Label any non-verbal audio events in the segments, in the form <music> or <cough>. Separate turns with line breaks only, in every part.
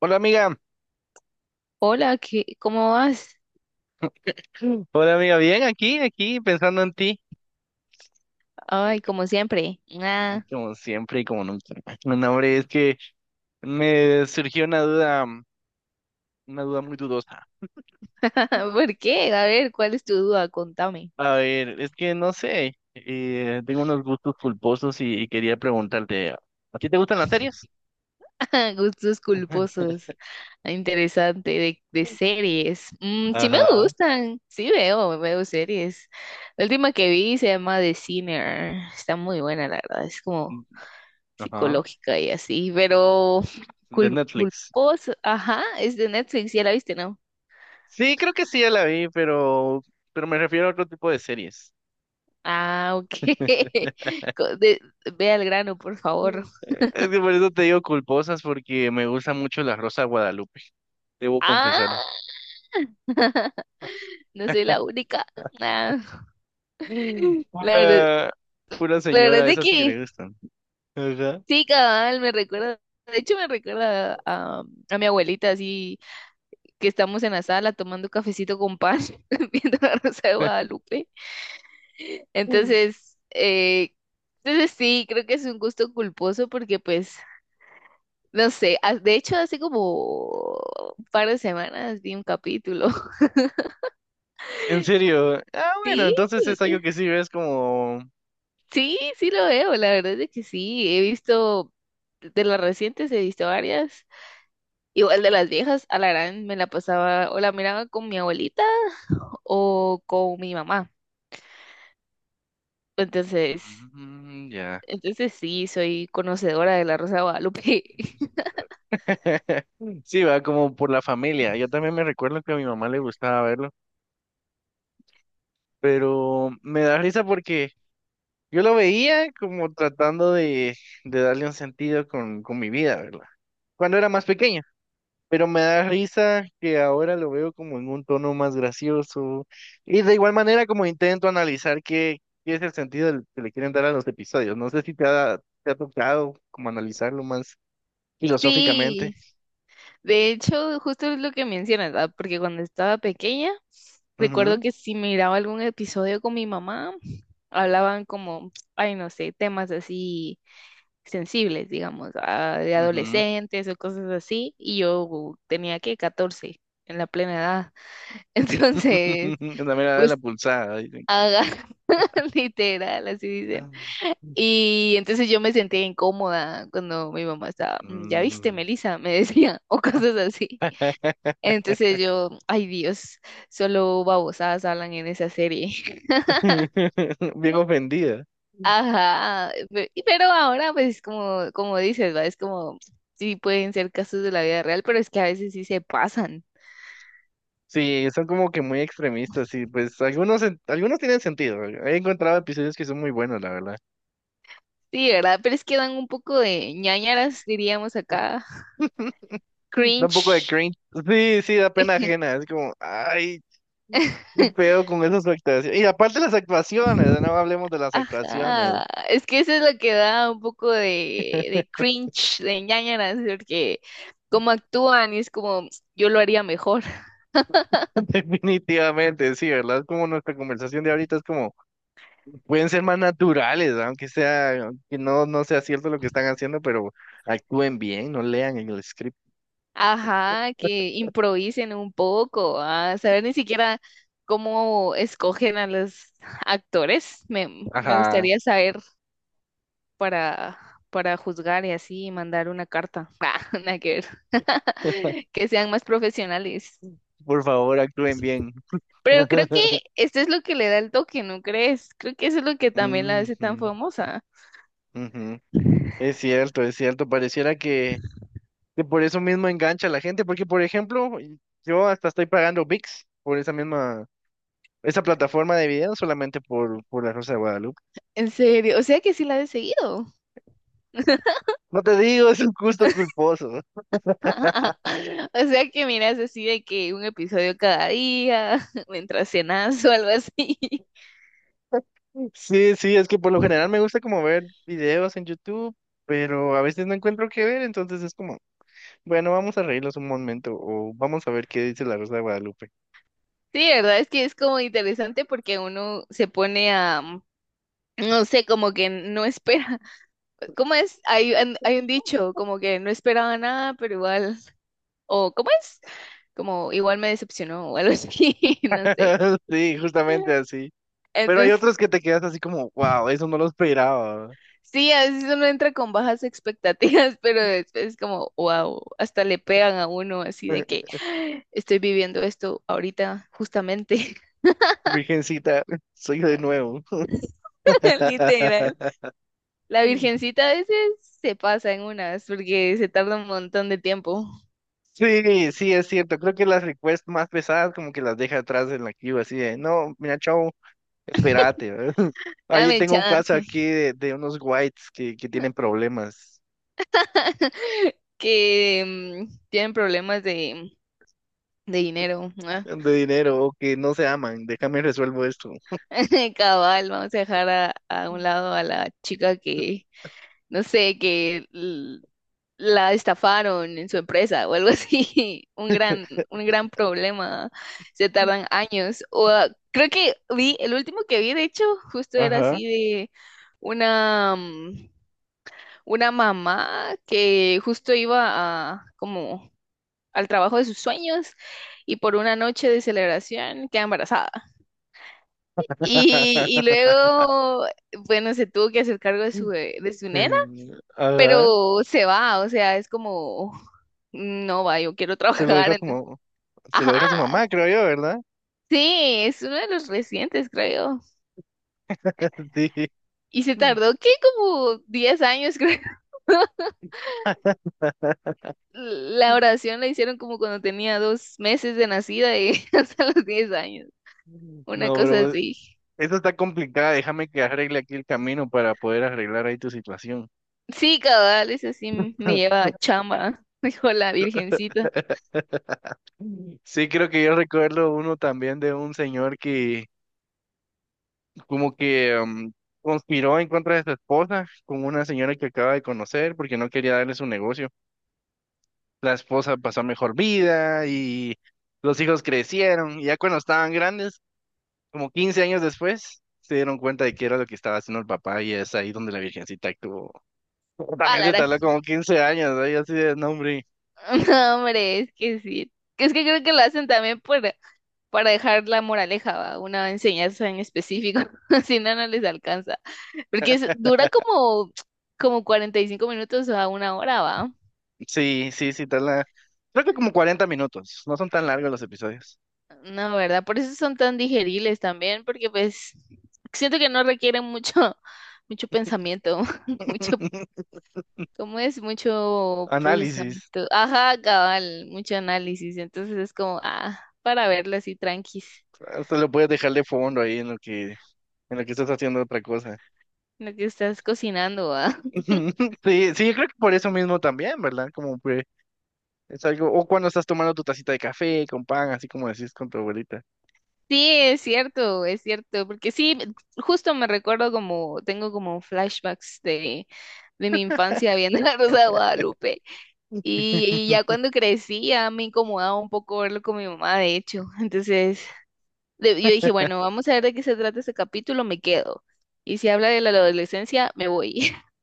Hola amiga,
Hola, ¿cómo vas?
bien, aquí, pensando en ti.
Ay,
Eh,
como siempre.
Como siempre y como nunca. <laughs> No, hombre, es que me surgió una duda, una duda muy dudosa.
<laughs> ¿Por qué? A ver, ¿cuál es tu duda? Contame.
A ver, es que no sé, tengo unos gustos culposos y quería preguntarte, ¿a ti te gustan las series?
<laughs> Gustos
<laughs>
culposos. Ah, interesante, de series. Mm, sí me
Ajá,
gustan, sí veo series. La última que vi se llama The Sinner. Está muy buena, la verdad. Es como
ajá,
psicológica y así, pero <laughs>
de Netflix.
culposo. Ajá, es de Netflix, ya la viste, ¿no?
Sí, creo que sí, ya la vi, pero me refiero a otro tipo de series.
Ah, ok. <laughs> Co- de- Ve al grano, por favor.
Es que por eso te digo culposas, porque me gusta mucho La Rosa de Guadalupe. Debo
Ah,
confesar.
<laughs> no soy la única. Ah,
Mm,
La verdad,
pura, pura
la verdad es
señora,
de
esas que
que
le gustan. Ajá.
sí, cabal, me recuerda. De hecho, me recuerda a mi abuelita, así que estamos en la sala tomando cafecito con pan, <laughs> viendo la Rosa de
<laughs>
Guadalupe.
Mm.
Entonces, entonces sí, creo que es un gusto culposo porque, pues, no sé, ah, de hecho, hace como un par de semanas vi un capítulo. <laughs>
En serio. Ah, bueno,
Sí,
entonces es algo que sí ves como.
sí, sí lo veo, la verdad es que sí, he visto de las recientes, he visto varias, igual de las viejas, a la gran me la pasaba o la miraba con mi abuelita o con mi mamá, entonces,
Mm, ya.
entonces sí, soy conocedora de la Rosa de Guadalupe. <laughs>
<laughs> Sí, va como por la familia. Yo también me recuerdo que a mi mamá le gustaba verlo, pero me da risa porque yo lo veía como tratando de darle un sentido con mi vida, ¿verdad? Cuando era más pequeño. Pero me da risa que ahora lo veo como en un tono más gracioso. Y de igual manera como intento analizar qué, qué es el sentido del- que le quieren dar a los episodios. No sé si te ha, te ha tocado como analizarlo más filosóficamente.
Sí, de hecho, justo es lo que mencionas, ¿verdad? Porque cuando estaba pequeña, recuerdo
Ujú,
que si miraba algún episodio con mi mamá, hablaban como, ay, no sé, temas así sensibles, digamos, de
ujú.
adolescentes o cosas así, y yo tenía que 14 en la plena edad. <laughs> Entonces,
<laughs> La mirada de la
pues
pulsada, dicen.
haga <laughs> literal, así dicen. Y entonces yo me sentía incómoda cuando mi mamá estaba, "Mm, ya viste,
Mm.
Melissa", me decía, <laughs> o cosas así. Entonces
<laughs>
yo, ay Dios, solo babosadas hablan en esa serie.
Bien ofendida. <laughs>
Ajá, pero ahora pues como, como dices, ¿va? Es como, sí pueden ser casos de la vida real, pero es que a veces sí se pasan.
Sí, son como que muy extremistas, y pues algunos, en- algunos tienen sentido. He encontrado episodios que son muy buenos, la verdad.
Sí, ¿verdad? Pero es que dan un poco de ñáñaras, diríamos acá.
Da un poco de
Cringe.
cringe. Sí, sí, da pena ajena. Es como, ay, qué pedo con esas actuaciones. Y aparte las actuaciones, no
<laughs>
hablemos de las actuaciones.
Ajá, es que eso es lo que da un poco de cringe, de ñáñaras, porque como actúan y es como, yo lo haría mejor.
<laughs> Definitivamente, sí, ¿verdad? Es como nuestra conversación de ahorita es como, pueden ser más naturales, aunque sea, que no, no sea cierto lo que están haciendo, pero actúen bien, no lean en el script.
Ajá, que improvisen un poco, a saber ni siquiera cómo escogen a los actores. Me
Ajá,
gustaría saber para, para juzgar y así mandar una carta. <laughs> Ah, nada que ver. <laughs> Que sean más profesionales.
por favor, actúen bien.
Pero creo que
<laughs>
esto es lo que le da el toque, ¿no crees? Creo que eso es lo que también la hace tan
Ujú.
famosa.
Ujú, es cierto, es cierto. Pareciera que por eso mismo engancha a la gente, porque por ejemplo, y- yo hasta estoy pagando ViX por esa misma, esa plataforma de video solamente por La Rosa de Guadalupe.
¿En serio? O sea que sí la he seguido.
No te digo, <laughs> es un gusto culposo.
<laughs> O sea que miras así de que un episodio cada día, <laughs> mientras cenas o algo así. <laughs>
Sí, sí, es que por lo general me gusta como ver videos en YouTube, pero a veces no encuentro qué ver, entonces es como, bueno, vamos a reírnos un momento o vamos a ver qué dice La Rosa de Guadalupe.
Sí, verdad es que es como interesante porque uno se pone a, mm, no sé, como que no espera. <laughs> ¿Cómo es? Hay, hay un dicho, como que no esperaba nada, pero igual, o ¿cómo es? Como igual me decepcionó o algo así, <laughs> no sé.
<laughs> Sí, justamente así. Pero hay
Entonces
otros que te quedas así como, wow, eso no lo esperaba.
sí, a veces uno entra con bajas expectativas, <laughs> pero después es como, wow, hasta le pegan a uno así de que "Ah, estoy viviendo esto ahorita justamente".
Virgencita, <laughs> soy yo de nuevo.
<laughs> Literal.
<laughs>
La virgencita a veces se pasa en unas porque se tarda un montón de tiempo.
Sí, sí, es cierto. Creo que las requests más pesadas como que las deja atrás en la queue, así de, no, mira, chao, espérate. ¿Verdad? <laughs> Ahí
Dame
tengo un
chance.
caso aquí de unos whites que tienen problemas
<laughs> Que mm, tienen problemas de dinero. Ah.
de dinero o que no se aman. Déjame resuelvo esto.
<laughs> Cabal, vamos a dejar a un lado a la chica que, no sé, que la estafaron en su empresa o algo así, <laughs> un gran problema, se tardan años. O, ah, creo que vi, el último que vi, de hecho, justo era
Ajá.
así de una, mm, una mamá que justo iba a, como al trabajo de sus sueños y por una noche de celebración queda embarazada. Y
<laughs>
luego, bueno, se tuvo que hacer cargo de su, de su nena,
Mm, ajá.
pero se va, o sea, es como, no va, yo quiero <laughs>
Se lo dejo
trabajar,
a su,
entonces,
mam- se lo
ajá,
deja a su mamá, creo yo, ¿verdad?
sí, es uno de los recientes, creo.
<laughs> Sí.
Y se tardó, ¿qué? Como 10 años, creo. <laughs>
<laughs>
La oración la hicieron como cuando tenía 2 meses de nacida y <laughs> hasta los 10 años, una
No,
cosa
bro,
así.
esta está complicada, déjame que arregle aquí el camino para poder arreglar ahí tu situación.
Sí, cabal, eso sí me lleva a chamba, <laughs> dijo la virgencita.
<laughs> Sí, creo que yo recuerdo uno también de un señor que como que conspiró en contra de su esposa con una señora que acaba de conocer porque no quería darle su negocio. La esposa pasó mejor vida y los hijos crecieron y ya cuando estaban grandes, como 15 años después, se dieron cuenta de que era lo que estaba haciendo el papá y es ahí donde la virgencita actuó. <laughs>
Ah,
También se
Lara.
tardó
<laughs>
como 15 años, ahí así de nombre.
No, hombre, es que sí. Es que creo que lo hacen también por para dejar la moraleja, ¿va? Una enseñanza en específico. <laughs> Si no, no les alcanza. Porque dura como, como 45 minutos a una hora, ¿va?
Sí, sí, sí, tarda. Creo que como 40 minutos. No son tan largos los episodios.
No, ¿verdad? Por eso son tan digeribles también, porque pues siento que no requieren mucho, <laughs> mucho pensamiento, <laughs> mucho,
<laughs>
¿cómo es? Mucho
Análisis.
procesamiento. Ajá, cabal, mucho análisis. Entonces es como, ah, para verlo así tranquis,
Hasta lo puedes dejar de fondo ahí en lo que estás haciendo otra cosa.
lo que estás cocinando, ¿va?
<laughs> Sí, sí, yo creo que por eso mismo también, ¿verdad? Como que es algo, o cuando estás tomando tu tacita de café con pan, así como decís con tu abuelita.
Sí, es cierto, porque sí, justo me recuerdo como, tengo como flashbacks de mi infancia viendo <laughs> La Rosa de Guadalupe y
<laughs>
ya cuando crecí ya me incomodaba un poco verlo con mi mamá, de hecho, entonces yo dije, bueno, vamos a ver de qué se trata este capítulo, me quedo y si habla de la adolescencia, me voy. <laughs>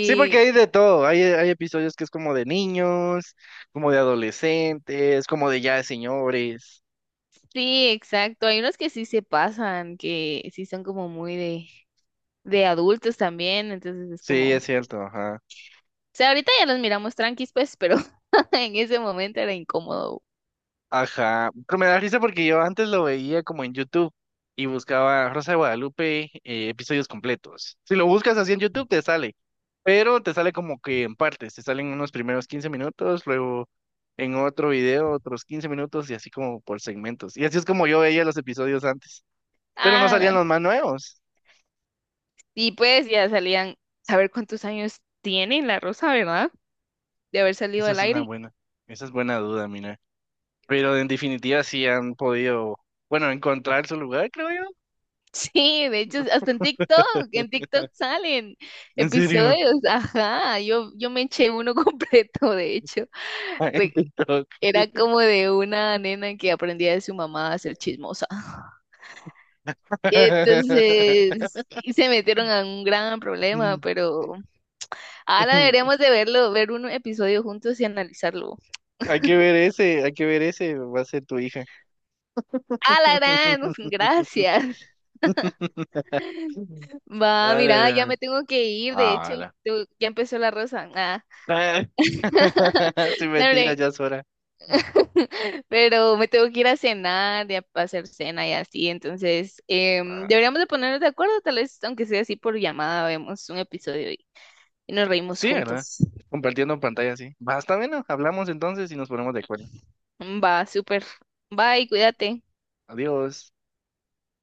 Sí, porque hay de todo. Hay episodios que es como de niños, como de adolescentes, como de ya de señores.
sí, exacto, hay unos que sí se pasan, que sí son como muy de adultos también, entonces es
Sí,
como...
es cierto, ajá.
O sea, ahorita ya los miramos tranquis, pues, pero <laughs> en ese momento era incómodo.
Ajá, pero me da risa porque yo antes lo veía como en YouTube y buscaba Rosa de Guadalupe episodios completos. Si lo buscas así en YouTube te sale, pero te sale como que en partes, te salen unos primeros 15 minutos, luego en otro video otros 15 minutos y así como por segmentos. Y así es como yo veía los episodios antes, pero no
Ah,
salían los más nuevos.
y pues ya salían, saber cuántos años tiene la Rosa, ¿verdad? De haber salido
Esa
del
es una
aire. <laughs>
buena, esa es buena duda, mira. Pero en definitiva sí han podido, bueno, encontrar su lugar, creo yo.
Sí, de hecho, hasta en TikTok salen
En serio,
episodios, ajá, yo me eché uno <laughs> completo, de hecho.
<laughs> en
Re-
TikTok.
Era como de una nena que aprendía de su mamá a ser chismosa. Y se metieron a un gran problema,
<laughs>
pero ahora deberíamos de verlo, ver un episodio juntos y analizarlo.
Hay que ver ese, hay que ver ese, va a ser tu hija.
¡Ah, la gran! <laughs>
<laughs>
Gracias. Va, mira, ya
Vale.
me tengo que ir. De hecho,
Ala.
ya empezó la rosa. Ah,
<laughs>
<laughs>
Sin
no,
mentira,
hombre.
ya es hora.
<laughs> Pero me tengo que ir a cenar, ya a hacer cena y así. Entonces, em,
Ah,
deberíamos de ponernos de acuerdo, tal vez, aunque sea así por llamada, vemos un episodio y nos reímos
sí, ¿verdad?
juntos.
Compartiendo pantalla, sí. Basta, bueno, hablamos entonces y nos ponemos de acuerdo.
Va, súper. Bye, cuídate.
Adiós.